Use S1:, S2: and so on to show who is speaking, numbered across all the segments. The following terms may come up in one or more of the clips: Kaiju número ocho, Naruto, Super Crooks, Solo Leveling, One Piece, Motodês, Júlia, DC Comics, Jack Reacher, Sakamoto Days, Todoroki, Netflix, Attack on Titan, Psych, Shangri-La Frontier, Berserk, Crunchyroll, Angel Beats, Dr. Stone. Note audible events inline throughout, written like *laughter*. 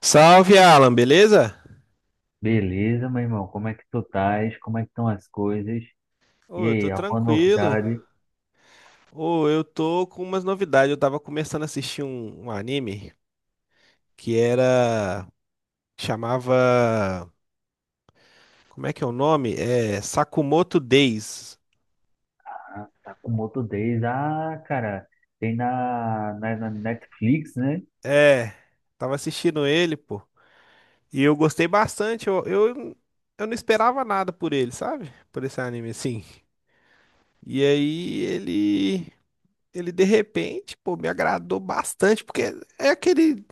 S1: Salve, Alan, beleza?
S2: Beleza, meu irmão, como é que tu estás? Como é que estão as coisas? E
S1: Ô, eu
S2: aí,
S1: tô
S2: alguma
S1: tranquilo.
S2: novidade?
S1: Ô, eu tô com umas novidades. Eu tava começando a assistir um anime que era. Chamava. Como é que é o nome? É Sakamoto Days.
S2: Ah, tá com Motodês. Ah, cara, tem na Netflix, né?
S1: É, tava assistindo ele, pô. E eu gostei bastante. Eu não esperava nada por ele, sabe? Por esse anime, assim. E aí ele. Ele de repente, pô, me agradou bastante, porque é aquele.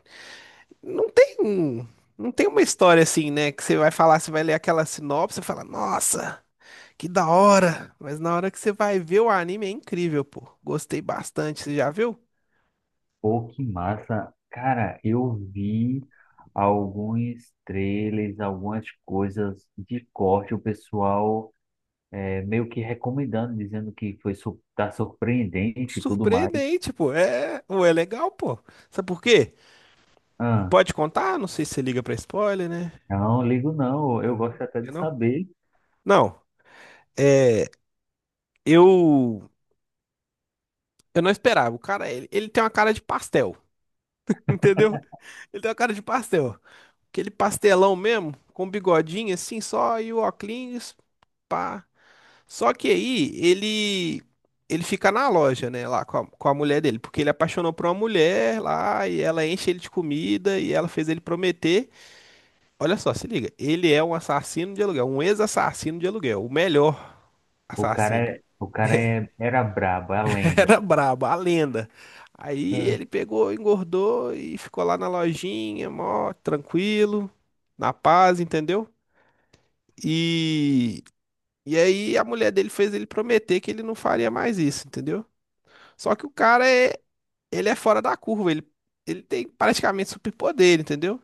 S1: Não tem um, não tem uma história assim, né? Que você vai falar, você vai ler aquela sinopse, e fala, nossa, que da hora. Mas na hora que você vai ver o anime é incrível, pô. Gostei bastante, você já viu?
S2: Pô, que massa. Cara, eu vi alguns trailers, algumas coisas de corte, o pessoal meio que recomendando, dizendo que foi tá surpreendente e tudo mais.
S1: Surpreendente, pô. É, ou é legal, pô. Sabe por quê?
S2: Ah,
S1: Pode contar? Não sei se você liga pra spoiler, né?
S2: não, ligo não, eu gosto até
S1: Eu
S2: de
S1: não.
S2: saber.
S1: Não. É, eu eu não esperava. O cara, ele tem uma cara de pastel, *laughs* entendeu? Ele tem uma cara de pastel. Aquele pastelão mesmo, com bigodinho assim só e o óculos. Pá. Só que aí ele fica na loja, né, lá com com a mulher dele, porque ele apaixonou por uma mulher lá e ela enche ele de comida e ela fez ele prometer. Olha só, se liga, ele é um assassino de aluguel, um ex-assassino de aluguel, o melhor
S2: O cara,
S1: assassino.
S2: o cara era brabo, é a
S1: *laughs*
S2: lenda.
S1: Era brabo, a lenda. Aí
S2: É.
S1: ele pegou, engordou e ficou lá na lojinha, mó tranquilo, na paz, entendeu? E E aí a mulher dele fez ele prometer que ele não faria mais isso, entendeu? Só que o cara é, ele é fora da curva, ele tem praticamente superpoder, entendeu?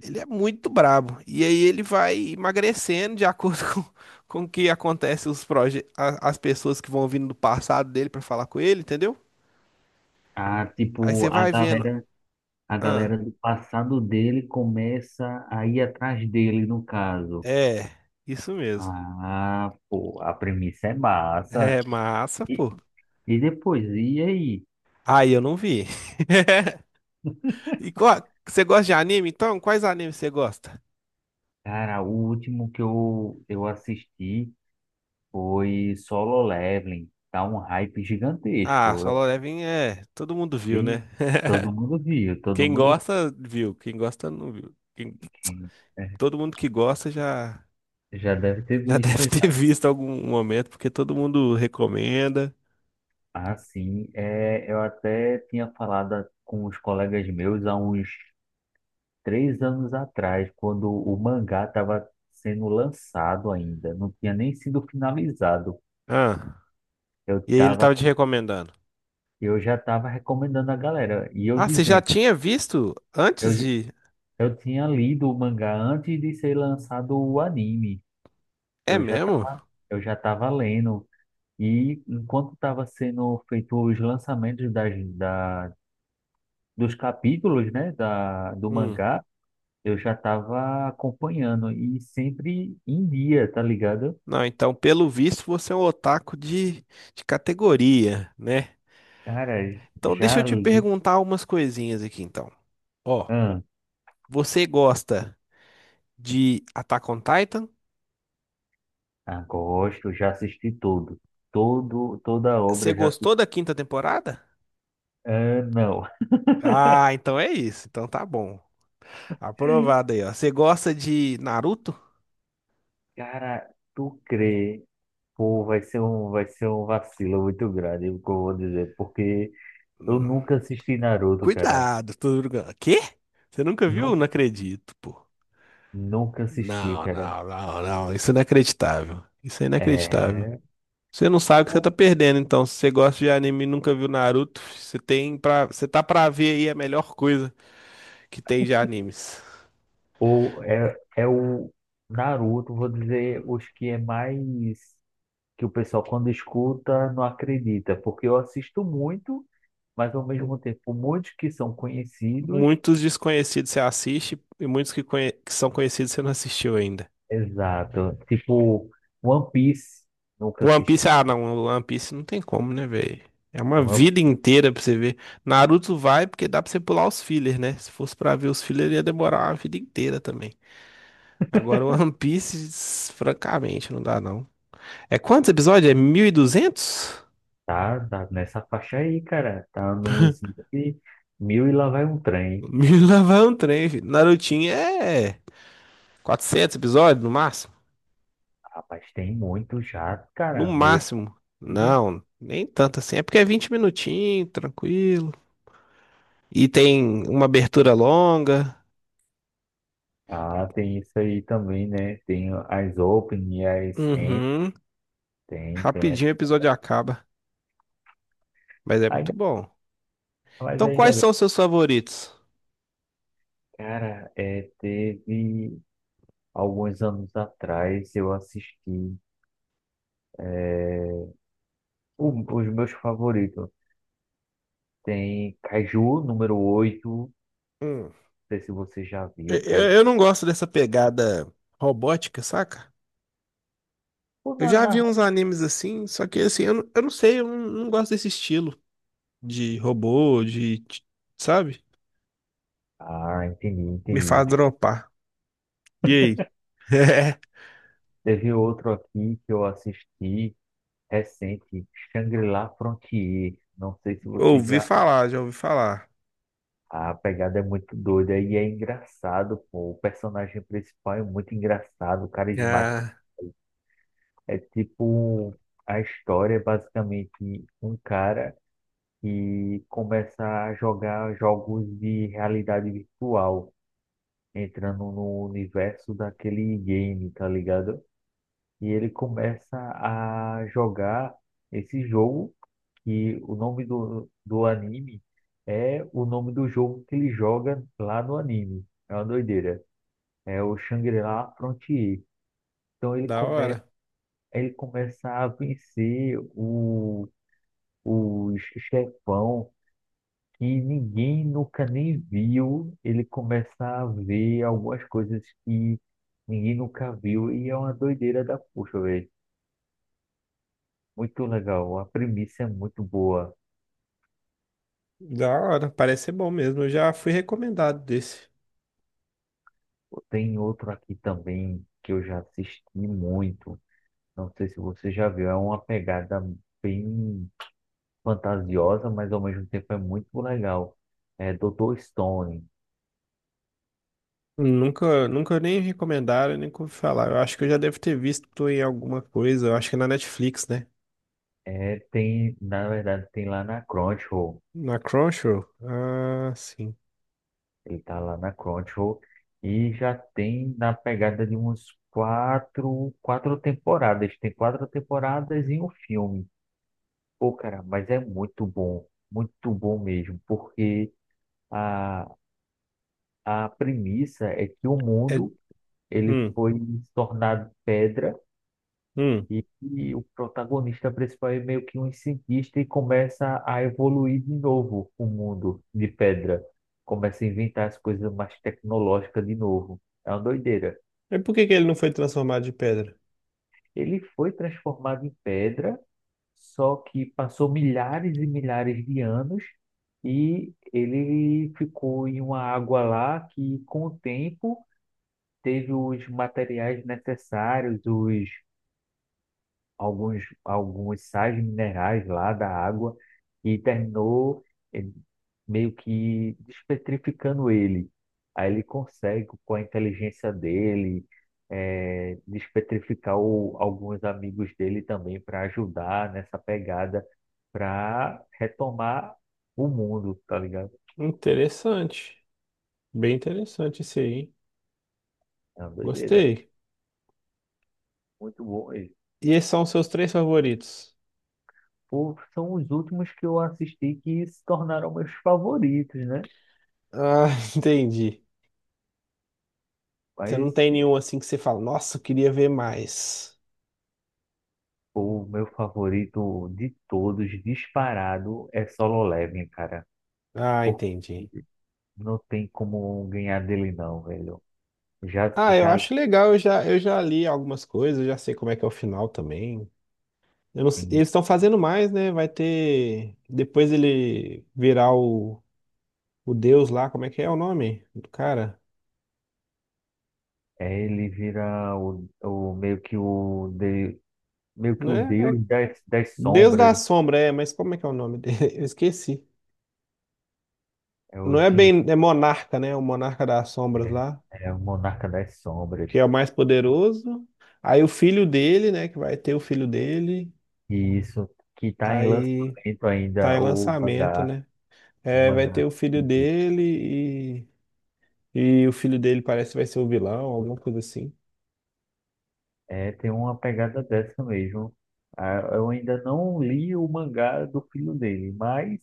S1: Ele é muito brabo. E aí ele vai emagrecendo de acordo *laughs* com o que acontece os as pessoas que vão vindo do passado dele pra falar com ele, entendeu?
S2: A,
S1: Aí
S2: tipo,
S1: você
S2: a
S1: vai vendo,
S2: galera, a
S1: ah,
S2: galera do passado dele começa a ir atrás dele, no caso.
S1: é, isso mesmo.
S2: Ah, pô, a premissa é massa.
S1: É massa,
S2: E,
S1: pô.
S2: e depois, e aí?
S1: Aí eu não vi. *laughs* E qual, você gosta de anime? Então, quais animes você gosta?
S2: Cara, o último que eu assisti foi Solo Leveling. Tá um hype
S1: Ah,
S2: gigantesco.
S1: Solo
S2: Eu,
S1: Leveling é, todo mundo viu,
S2: vi,
S1: né? *laughs*
S2: todo mundo viu,
S1: Quem gosta, viu. Quem gosta, não viu. Quem-
S2: que- é,
S1: todo mundo que gosta já,
S2: já deve ter
S1: já *laughs*
S2: visto.
S1: deve ter visto algum momento, porque todo mundo recomenda.
S2: Ah, sim. É, eu até tinha falado com os colegas meus há uns três anos atrás, quando o mangá estava sendo lançado ainda, não tinha nem sido finalizado.
S1: Ah,
S2: Eu
S1: e aí ele
S2: tava,
S1: tava te recomendando.
S2: eu já estava recomendando a galera, e eu
S1: Ah, você já
S2: dizendo,
S1: tinha visto
S2: eu,
S1: antes
S2: j-
S1: de.
S2: eu tinha lido o mangá antes de ser lançado o anime.
S1: É
S2: Eu já
S1: mesmo?
S2: estava, eu já estava lendo. E enquanto estava sendo feito os lançamentos dos capítulos, né, do
S1: Hum.
S2: mangá, eu já estava acompanhando e sempre em dia, tá ligado?
S1: Não, então, pelo visto, você é um otaku de categoria, né?
S2: Cara,
S1: Então, deixa
S2: já
S1: eu te
S2: li,
S1: perguntar umas coisinhas aqui, então. Ó,
S2: ah,
S1: você gosta de Attack on Titan?
S2: gosto, já assisti tudo, todo, toda a
S1: Você
S2: obra já, assisti.
S1: gostou da quinta temporada?
S2: Ah, não,
S1: Ah, então é isso. Então tá bom. Aprovado aí, ó. Você gosta de Naruto?
S2: cara, tu crê, pô, vai ser vai ser um vacilo muito grande, o que eu vou dizer, porque eu
S1: Hum,
S2: nunca assisti Naruto, cara.
S1: Cuidado, Todoroki. Quê? Você nunca viu?
S2: Nu,
S1: Não acredito, pô.
S2: Nunca assisti,
S1: Não,
S2: cara.
S1: não, não, não. Isso é inacreditável. Isso é inacreditável.
S2: é,
S1: Você não sabe o que você tá perdendo, então. Se você gosta de anime e nunca viu Naruto, você tem pra... você tá pra ver aí a melhor coisa que tem de animes.
S2: é o Naruto, vou dizer, os que é mais que o pessoal quando escuta não acredita, porque eu assisto muito, mas ao mesmo tempo muitos que são conhecidos,
S1: Muitos desconhecidos você assiste e muitos que, conhe- que são conhecidos você não assistiu ainda.
S2: exato, tipo One Piece, nunca
S1: One
S2: assisti.
S1: Piece, ah não, One Piece não tem como, né, velho? É uma
S2: One-
S1: vida inteira pra você ver. Naruto vai porque dá pra você pular os fillers, né? Se fosse pra ver os fillers, ia demorar uma vida inteira também. Agora, One Piece, *laughs* francamente, não dá não. É quantos episódios? É 1200?
S2: tá, tá nessa faixa aí, cara, tá nos entre mil e lá vai um
S1: *laughs*
S2: trem.
S1: Mil lá vai um trem, filho. Narutinho é 400 episódios no máximo?
S2: Rapaz, tem muito já,
S1: No
S2: cara, meio,
S1: máximo.
S2: possível.
S1: Não, nem tanto assim. É porque é 20 minutinhos, tranquilo. E tem uma abertura longa.
S2: Ah, tem isso aí também, né, tem as Open e as End,
S1: Uhum.
S2: tem, tem,
S1: Rapidinho o episódio acaba, mas é muito
S2: ainda,
S1: bom.
S2: mas
S1: Então,
S2: ainda
S1: quais
S2: bem,
S1: são os seus favoritos?
S2: cara. Teve alguns anos atrás eu assisti eh, os meus favoritos. Tem Kaiju número 8.
S1: Hum.
S2: Não sei se você já
S1: Eu,
S2: viu
S1: eu-
S2: Kaiju.
S1: eu não gosto dessa pegada robótica, saca?
S2: Ou
S1: Eu
S2: na-
S1: já vi
S2: na-
S1: uns animes assim, só que assim, eu não sei, eu não, não gosto desse estilo. De robô, sabe?
S2: Ah, entendi,
S1: Me faz
S2: entendi.
S1: dropar. E aí? *laughs*
S2: Teve outro aqui que eu assisti recente, Shangri-La Frontier. Não sei se
S1: É,
S2: você
S1: ouvi
S2: já.
S1: falar, já ouvi falar.
S2: A pegada é muito doida e é engraçado, pô. O personagem principal é muito engraçado, carismático.
S1: Ah,
S2: É tipo. um, A história é basicamente um cara. E começa a jogar jogos de realidade virtual, entrando no universo daquele game, tá ligado? E ele começa a jogar esse jogo que o nome do anime é o nome do jogo que ele joga lá no anime. É uma doideira. É o Shangri-La Frontier. Então ele
S1: da
S2: começa
S1: hora.
S2: ele começa a vencer o chefão. E ninguém nunca nem viu ele começar a ver algumas coisas que ninguém nunca viu. E é uma doideira da puxa, velho. Muito legal. A premissa é muito boa.
S1: Da hora, parece ser bom mesmo. Eu já fui recomendado desse.
S2: Tem outro aqui também que eu já assisti muito. Não sei se você já viu. É uma pegada bem fantasiosa, mas ao mesmo tempo é muito legal. É Dr. Stone.
S1: Nunca, nunca nem recomendaram, nem ouvi falar. Eu acho que eu já devo ter visto em alguma coisa. Eu acho que é na Netflix, né?
S2: É, tem, na verdade, tem lá na Crunchyroll.
S1: Na Crunchyroll? Ah, sim.
S2: Ele tá lá na Crunchyroll e já tem na pegada de uns quatro, quatro temporadas. Tem quatro temporadas e um filme. Pô, cara, mas é muito bom mesmo, porque a, a premissa é que o
S1: É,
S2: mundo ele
S1: hum,
S2: foi tornado pedra.
S1: hum.
S2: E o protagonista principal é meio que um cientista e começa a evoluir de novo o mundo de pedra. Começa a inventar as coisas mais tecnológicas de novo. É uma doideira.
S1: E por que que ele não foi transformado de pedra?
S2: Ele foi transformado em pedra, só que passou milhares e milhares de anos e ele ficou em uma água lá que, com o tempo, teve os materiais necessários, os alguns sais minerais lá da água e terminou eh, meio que despetrificando ele. Aí ele consegue, com a inteligência dele, despetrificar alguns amigos dele também para ajudar nessa pegada para retomar o mundo, tá ligado?
S1: Interessante. Bem interessante esse aí, hein?
S2: É uma doideira.
S1: Gostei.
S2: Muito bom. E,
S1: E esses são os seus três favoritos?
S2: pô, são os últimos que eu assisti que se tornaram meus favoritos, né?
S1: Ah, *laughs* entendi. Você não
S2: Mas
S1: tem nenhum assim que você fala, nossa, eu queria ver mais.
S2: o meu favorito de todos, disparado, é Solo Leveling, cara.
S1: Ah,
S2: Pô,
S1: entendi.
S2: não tem como ganhar dele não, velho. Já,
S1: Ah, eu
S2: já
S1: acho legal, eu já li algumas coisas, eu já sei como é que é o final também. Eu não sei-
S2: assim,
S1: eles estão fazendo mais, né? Vai ter. Depois ele virar o Deus lá, como é que é o nome do cara?
S2: é, ele vira o meio que meio que
S1: Não
S2: o
S1: é, é
S2: deus das
S1: Deus da
S2: sombras,
S1: Sombra, é, mas como é que é o nome dele? *laughs* Eu esqueci.
S2: é o
S1: Não é
S2: Jin,
S1: bem, é monarca, né? O monarca das sombras
S2: né?
S1: lá,
S2: É o monarca das sombras.
S1: que é o mais poderoso. Aí o filho dele, né? Que vai ter o filho dele.
S2: E isso que tá em
S1: Aí
S2: lançamento
S1: tá em
S2: ainda o
S1: lançamento,
S2: mangá,
S1: né?
S2: o
S1: É, vai ter
S2: mangá.
S1: o filho dele e o filho dele parece que vai ser o vilão, alguma coisa assim.
S2: É, tem uma pegada dessa mesmo. Ah, eu ainda não li o mangá do filho dele, mas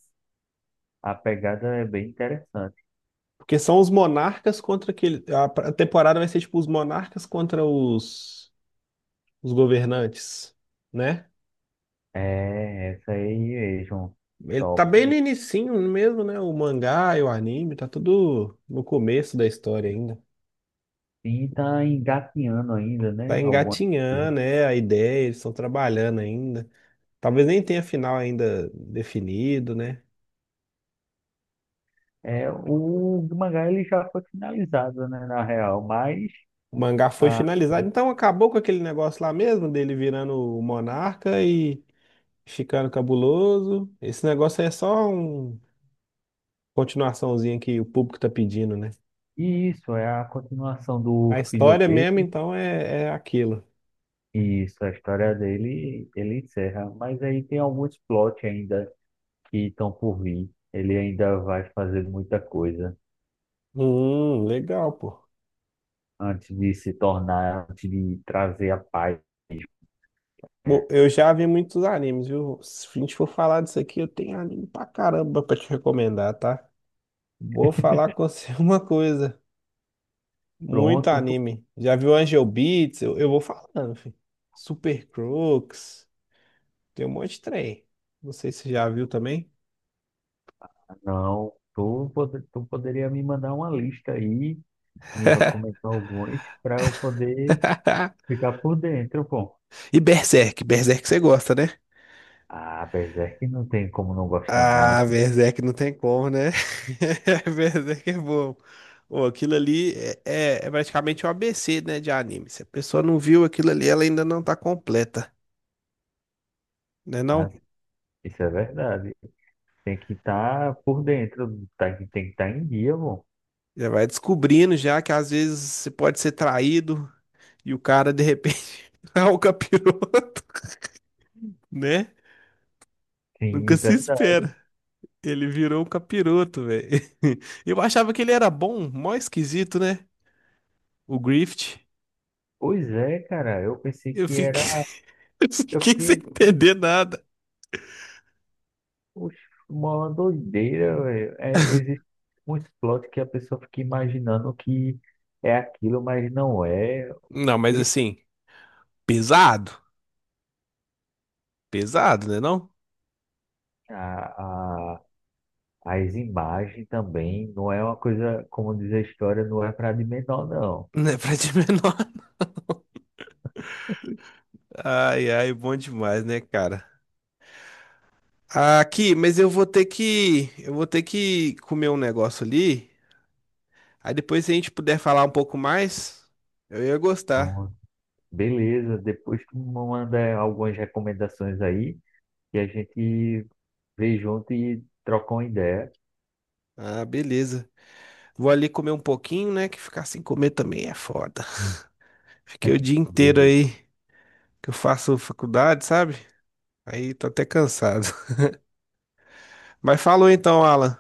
S2: a pegada é bem interessante.
S1: Porque são os monarcas contra aquele. A pra- a temporada vai ser tipo os monarcas contra os governantes, né?
S2: É, essa aí mesmo.
S1: Ele tá bem no
S2: Top.
S1: inicinho mesmo, né? O mangá e o anime, tá tudo no começo da história ainda.
S2: E tá engatinhando ainda, né?
S1: Tá
S2: Alguma coisa.
S1: engatinhando, né? A ideia, eles estão trabalhando ainda. Talvez nem tenha final ainda definido, né?
S2: É, o mangá ele já foi finalizado, né, na real, mas
S1: O mangá foi
S2: ah,
S1: finalizado, então acabou com aquele negócio lá mesmo, dele virando o monarca e ficando cabuloso. Esse negócio aí é só uma continuaçãozinha que o público tá pedindo, né?
S2: e isso é a continuação do
S1: A
S2: filho
S1: história
S2: dele.
S1: mesmo, então, é, é aquilo.
S2: Isso, a história dele, ele encerra, mas aí tem alguns plot ainda que estão por vir. Ele ainda vai fazer muita coisa
S1: Legal, pô.
S2: antes de se tornar, antes de trazer a paz.
S1: Bom, eu já vi muitos animes, viu? Se a gente for falar disso aqui, eu tenho anime pra caramba pra te recomendar, tá? Vou falar com você *laughs* uma coisa. Muito
S2: Pronto, tu,
S1: anime. Já viu Angel Beats? Eu vou falando, filho. Super Crooks. Tem um monte de trem. Não sei se você já viu também.
S2: não, tu, pode- Tu poderia me mandar uma lista aí, me recomendar alguns, para eu poder
S1: *laughs*
S2: ficar por dentro, pô.
S1: E Berserk, Berserk você gosta, né?
S2: Ah, Berserk não tem como não gostar, não.
S1: Ah, Berserk não tem como, né? *laughs* Berserk é bom. Pô, aquilo ali é, é praticamente o ABC, né, de anime. Se a pessoa não viu aquilo ali, ela ainda não tá completa, né
S2: Ah,
S1: não?
S2: isso é verdade. Tem que estar por dentro, tá, tem que estar em dia, pô.
S1: Já vai descobrindo já que às vezes você pode ser traído e o cara de repente *laughs* é o capiroto, *laughs* né?
S2: Sim,
S1: Nunca se
S2: verdade.
S1: espera. Ele virou um capiroto, velho. *laughs* Eu achava que ele era bom, mó esquisito, né? O Grift.
S2: Pois é, cara, eu pensei
S1: Eu
S2: que
S1: fiquei,
S2: era.
S1: *laughs* eu
S2: Eu
S1: fiquei sem
S2: fiquei.
S1: entender nada.
S2: Oxe, uma doideira, velho. É, existe muitos plot que a pessoa fica imaginando que é aquilo, mas não é.
S1: Não, mas
S2: E
S1: assim, pesado. Pesado, né não?
S2: A, a, As imagens também não é uma coisa, como diz a história, não é para de menor, não.
S1: *laughs* Não é pra de *laughs* menor. Ai, ai, bom demais, né, cara? Aqui, mas eu vou ter que comer um negócio ali. Aí depois, se a gente puder falar um pouco mais, eu ia gostar.
S2: Pronto. Beleza, depois tu manda algumas recomendações aí. E a gente veio junto e trocou uma ideia.
S1: Ah, beleza. Vou ali comer um pouquinho, né? Que ficar sem comer também é foda. Fiquei o dia inteiro
S2: Beleza.
S1: aí que eu faço faculdade, sabe? Aí tô até cansado. *laughs* Mas falou então, Alan.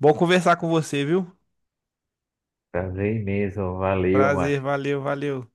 S1: Bom conversar com você, viu?
S2: Prazer imenso. Valeu,
S1: Prazer,
S2: macho.
S1: valeu, valeu.